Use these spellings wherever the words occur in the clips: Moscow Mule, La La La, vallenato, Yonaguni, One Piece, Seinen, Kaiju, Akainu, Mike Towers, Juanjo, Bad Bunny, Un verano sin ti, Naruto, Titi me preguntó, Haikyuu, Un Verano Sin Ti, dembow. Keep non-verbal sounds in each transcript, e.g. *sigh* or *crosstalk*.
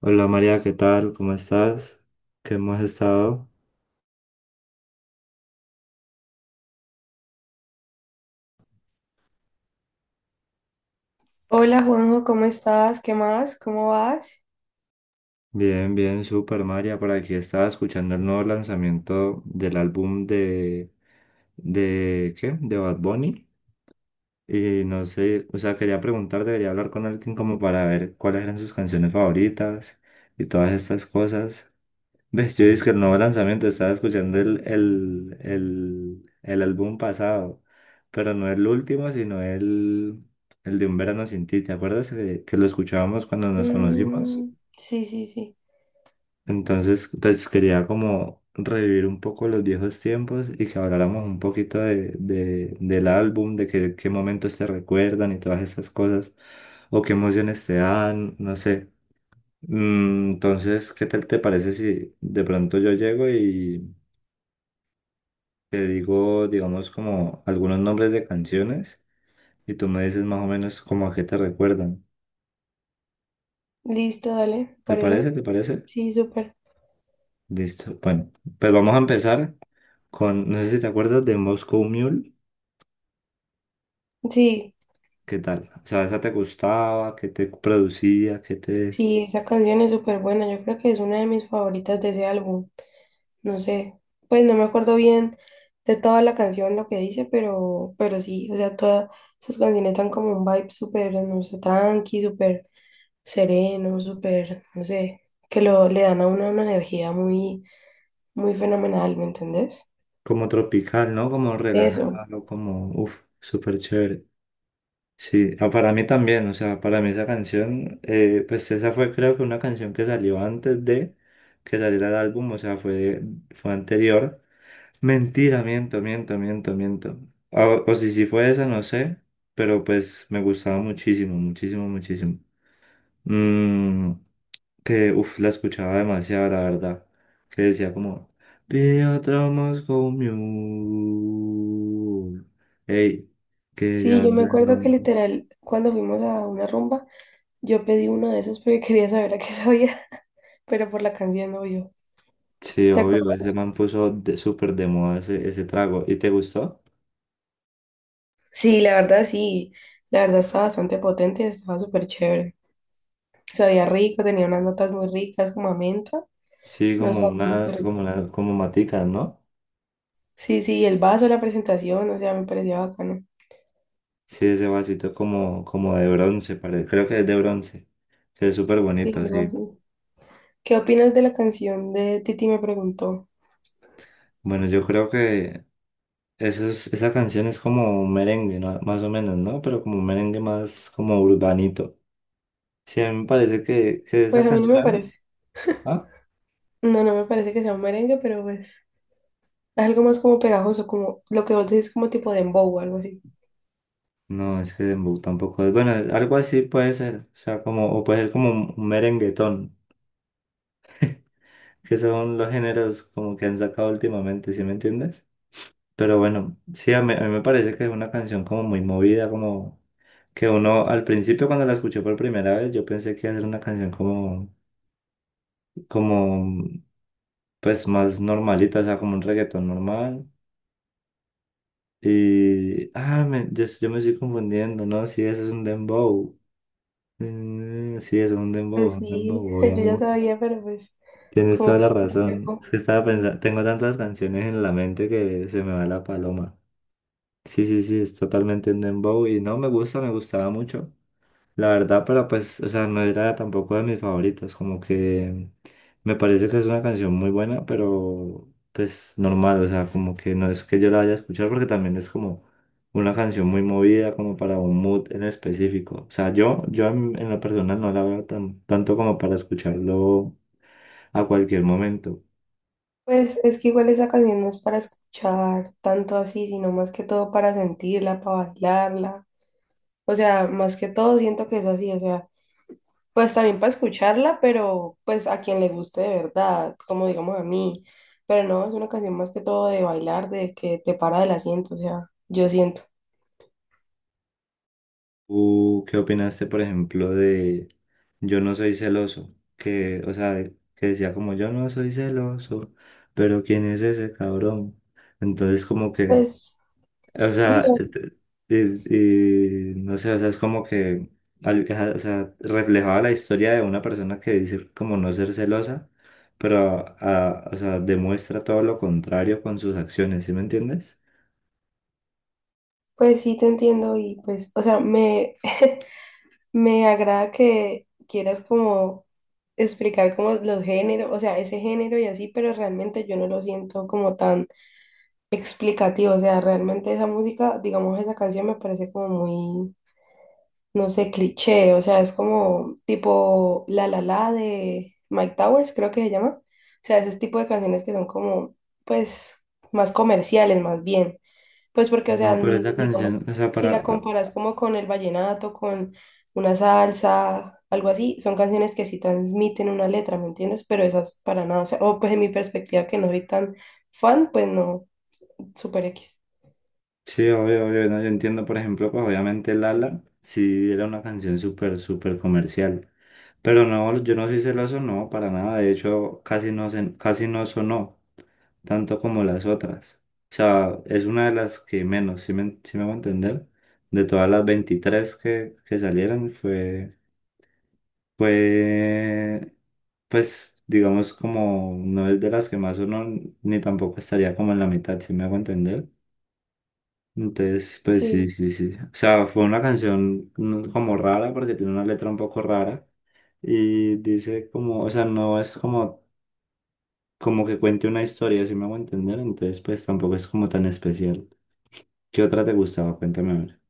Hola María, ¿qué tal? ¿Cómo estás? ¿Qué has estado? Hola Juanjo, ¿cómo estás? ¿Qué más? ¿Cómo vas? Bien, bien, súper María. Por aquí estaba escuchando el nuevo lanzamiento del álbum de, ¿qué? De Bad Bunny. Y no sé, o sea, quería preguntar, debería hablar con alguien como para ver cuáles eran sus canciones favoritas y todas estas cosas. Ve, yo dije que el nuevo lanzamiento, estaba escuchando el álbum pasado, pero no el último, sino el de Un Verano Sin Ti. ¿Te acuerdas que lo escuchábamos cuando nos conocimos? Mm, sí, sí, sí. Entonces, pues quería como revivir un poco los viejos tiempos y que habláramos un poquito del álbum, qué momentos te recuerdan y todas esas cosas, o qué emociones te dan, no sé. Entonces, ¿qué tal te parece si de pronto yo llego y... te digo, digamos, como algunos nombres de canciones y tú me dices más o menos como a qué te recuerdan? Listo, dale, ¿Te parece? parece. ¿Te parece? Sí, súper. Listo. Bueno, pues vamos a empezar con, no sé si te acuerdas de Moscow Mule. Sí, ¿Qué tal? O sea, ¿esa te gustaba? ¿Qué te producía? ¿Qué te... sí, esa canción es súper buena. Yo creo que es una de mis favoritas de ese álbum. No sé, pues no me acuerdo bien de toda la canción, lo que dice, pero sí, o sea, todas esas canciones dan como un vibe súper, no sé, tranqui, súper sereno, súper, no sé, que lo, le dan a uno una energía muy fenomenal, ¿me entendés? como tropical, ¿no? Como Eso. relajado, como, uff, súper chévere. Sí, ah, para mí también, o sea, para mí esa canción, pues esa fue creo que una canción que salió antes de que saliera el álbum, o sea, fue anterior. Mentira, miento, miento, miento, miento. Ah, o si fue esa, no sé, pero pues me gustaba muchísimo, muchísimo, muchísimo. Mm, que, uff, la escuchaba demasiado, la verdad. Que decía como, pide otro Moscow Mule. Ey, que Sí, yo me llevando el acuerdo que nombre. literal, cuando fuimos a una rumba, yo pedí uno de esos porque *laughs* quería saber a qué sabía, *laughs* pero por la canción no yo. Sí, ¿Te obvio, ese acuerdas? man puso de, súper de moda ese trago. ¿Y te gustó? Sí. La verdad estaba bastante potente, estaba súper chévere. Sabía rico, tenía unas notas muy ricas como a menta. Sí, No como estaba unas, súper. como, como maticas, ¿no? Sí, sí, el vaso, la presentación, o sea, me parecía bacano. Sí, ese vasito como, de bronce, parece. Creo que es de bronce. Se ve súper Sí, bonito, algo sí. así. ¿Qué opinas de la canción de Titi me Preguntó? Bueno, yo creo que esa canción es como un merengue, ¿no? Más o menos, ¿no? Pero como un merengue más como urbanito. Sí, a mí me parece que Pues esa a mí no me canción... parece. ¿Ah? No, no me parece que sea un merengue, pero pues algo más como pegajoso, como lo que vos decís, como tipo dembow o algo así. No, es que dembow tampoco es... Bueno, algo así puede ser. O sea, como... o puede ser como un merenguetón, que son los géneros como que han sacado últimamente, ¿sí me entiendes? Pero bueno, sí, a mí me parece que es una canción como muy movida, como... que uno al principio cuando la escuché por primera vez yo pensé que iba a ser una canción como pues más normalita, o sea, como un reggaetón normal. Y yo me estoy confundiendo, ¿no? Sí, eso es un dembow. Mm, sí, eso es Pues un sí, dembow, *laughs* yo ya obviamente. sabía, pero pues Tienes como toda todo la está razón. Es cerco. que estaba pensando, tengo tantas canciones en la mente que se me va la paloma. Sí, sí, sí, es totalmente un dembow y no, me gusta, me gustaba mucho. La verdad, pero pues, o sea, no era tampoco de mis favoritos, como que me parece que es una canción muy buena, pero pues normal, o sea, como que no es que yo la vaya a escuchar porque también es como una canción muy movida, como para un mood en específico. O sea, yo en lo personal no la veo tan, tanto como para escucharlo a cualquier momento. Pues es que igual esa canción no es para escuchar tanto así, sino más que todo para sentirla, para bailarla. O sea, más que todo siento que es así, o sea, pues también para escucharla, pero pues a quien le guste de verdad, como digamos a mí. Pero no, es una canción más que todo de bailar, de que te para del asiento, o sea, yo siento. ¿Tú qué opinaste, por ejemplo, de yo no soy celoso? Que, o sea, que decía como yo no soy celoso, pero ¿quién es ese cabrón? Entonces como que, Pues, o bien. sea, y no sé, o sea, es como que, al- o sea, reflejaba la historia de una persona que dice como no ser celosa, pero, o sea, demuestra todo lo contrario con sus acciones, ¿sí me entiendes? Pues sí, te entiendo y pues, o sea, me agrada que quieras como explicar como los géneros, o sea, ese género y así, pero realmente yo no lo siento como tan explicativo, o sea, realmente esa música, digamos, esa canción me parece como muy, no sé, cliché, o sea, es como tipo La La La de Mike Towers, creo que se llama, o sea, ese tipo de canciones que son como, pues, más comerciales, más bien. Pues porque, o No, sea, pero esa canción, digamos, o sea, si la para, comparas como con el vallenato, con una salsa, algo así, son canciones que sí transmiten una letra, ¿me entiendes? Pero esas para nada, o sea, o pues en mi perspectiva que no soy tan fan, pues no, super X. sí, obvio, obvio, no, yo entiendo, por ejemplo, pues obviamente Lala sí era una canción súper, súper comercial, pero no, yo no soy celoso, no, para nada, de hecho casi no, casi no sonó tanto como las otras, o sea, es una de las que menos, si me, sí me voy a entender, de todas las 23 que salieron fue, pues digamos como no es de las que más sonó, ni tampoco estaría como en la mitad, si me hago entender. Entonces, pues sí, Sí, sí, sí. O sea, fue una canción como rara porque tiene una letra un poco rara y dice como, o sea, no es como que cuente una historia, si me hago entender, entonces pues tampoco es como tan especial. ¿Qué otra te gustaba? Cuéntame a ver.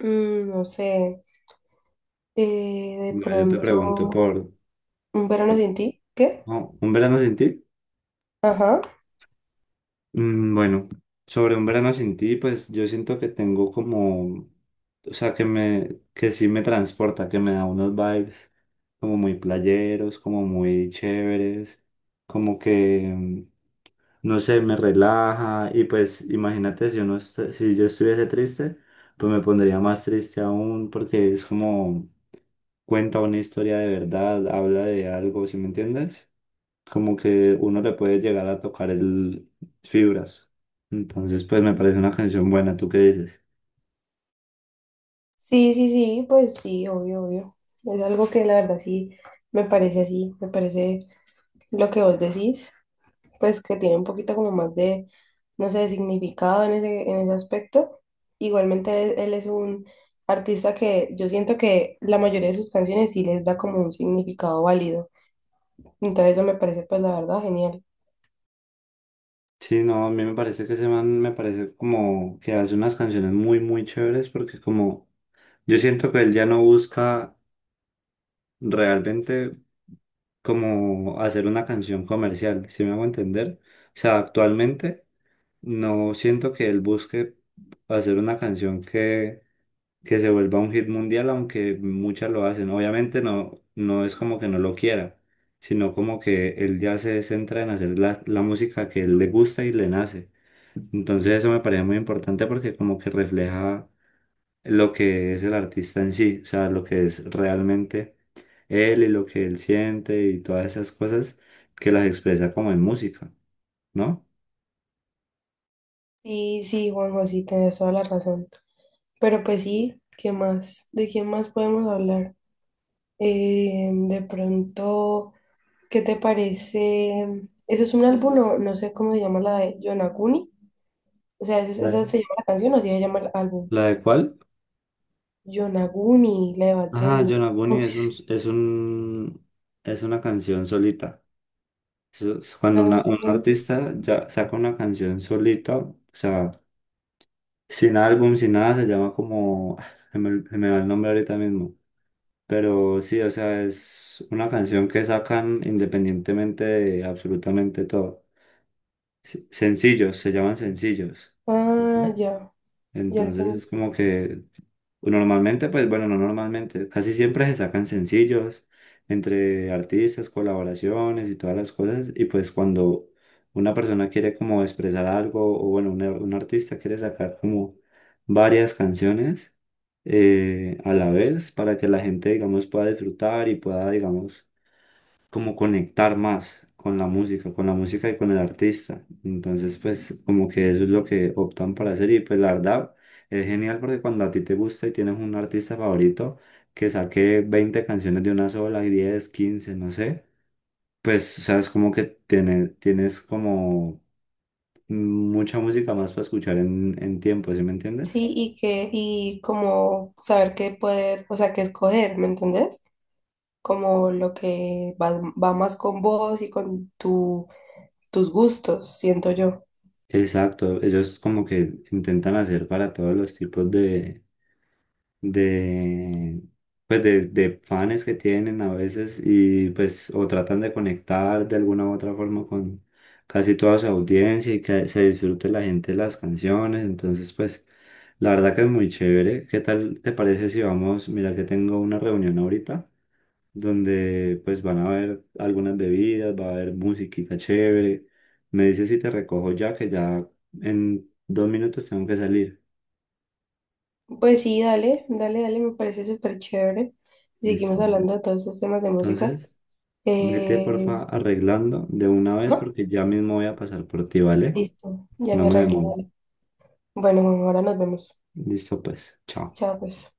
no sé, de Mira, yo te pronto, pregunto por... un verano sin ti, ¿qué? Oh, ¿Un verano sin ti? Ajá. Bueno, sobre un verano sin ti, pues yo siento que tengo como, o sea, que me, que sí me transporta, que me da unos vibes como muy playeros, como muy chéveres, como que, no sé, me relaja y pues imagínate si yo estuviese triste, pues me pondría más triste aún porque es como cuenta una historia de verdad, habla de algo, ¿sí me entiendes? Como que uno le puede llegar a tocar el fibras. Entonces, pues me parece una canción buena, ¿tú qué dices? Sí, sí, sí, pues sí, obvio, obvio. Es algo que la verdad sí me parece así, me parece lo que vos decís. Pues que tiene un poquito como más de, no sé, de significado en ese aspecto. Igualmente él es un artista que yo siento que la mayoría de sus canciones sí les da como un significado válido. Entonces eso me parece pues la verdad genial. Sí, no, a mí me parece que ese man me parece como que hace unas canciones muy, muy chéveres porque como yo siento que él ya no busca realmente como hacer una canción comercial, ¿si me hago entender? O sea, actualmente no siento que él busque hacer una canción que se vuelva un hit mundial, aunque muchas lo hacen. Obviamente no, no es como que no lo quiera, sino como que él ya se centra en hacer la música que él le gusta y le nace. Entonces eso me parece muy importante porque como que refleja lo que es el artista en sí, o sea, lo que es realmente él y lo que él siente y todas esas cosas que las expresa como en música, ¿no? Sí, sí, Juanjo, sí, tienes toda la razón. Pero pues sí, ¿qué más? ¿De quién más podemos hablar? De pronto, ¿qué te parece? ¿Eso es un álbum? No, no sé cómo se llama la de Yonaguni. O sea, ¿esa esa Vale. se llama la canción o así se llama el álbum? ¿La de cuál? Yonaguni, la de Bad Ajá, Bunny. Yonaguni es una canción solita. Eso es cuando Ah, un artista ya saca una canción solita, o sea, sin álbum, sin nada, se llama como, se me va el nombre ahorita mismo, pero sí, o sea, es una canción que sacan independientemente de absolutamente todo. Sencillos, se llaman sencillos. ah, Ujú. ya, ya Entonces es entendí. como que pues, normalmente, pues bueno, no normalmente, casi siempre se sacan sencillos entre artistas, colaboraciones y todas las cosas. Y pues cuando una persona quiere como expresar algo, o bueno, un artista quiere sacar como varias canciones a la vez para que la gente, digamos, pueda disfrutar y pueda, digamos, como conectar más con la música y con el artista. Entonces, pues como que eso es lo que optan para hacer y pues la verdad es genial porque cuando a ti te gusta y tienes un artista favorito que saque 20 canciones de una sola, 10 15 no sé, pues o sea, es como que tienes como mucha música más para escuchar en, tiempo, ¿sí me entiendes? Sí, y que, y como saber qué poder, o sea, qué escoger, ¿me entendés? Como lo que va, va más con vos y con tu, tus gustos, siento yo. Exacto, ellos como que intentan hacer para todos los tipos de, pues de fans que tienen a veces y pues o tratan de conectar de alguna u otra forma con casi toda su audiencia y que se disfrute la gente las canciones. Entonces, pues la verdad que es muy chévere. ¿Qué tal te parece si vamos? Mira que tengo una reunión ahorita donde pues van a haber algunas bebidas, va a haber musiquita chévere. Me dices si te recojo ya, que ya en 2 minutos tengo que salir. Pues sí, dale, dale, dale, me parece súper chévere. Listo, Seguimos amor. hablando de todos esos temas de música. Entonces... vete, Eh, porfa, arreglando de una vez ajá, porque ya mismo voy a pasar por ti, ¿vale? listo, ya No me me arreglo. demoro. Dale. Bueno, ahora nos vemos. Listo, pues. Chao. Chao, pues.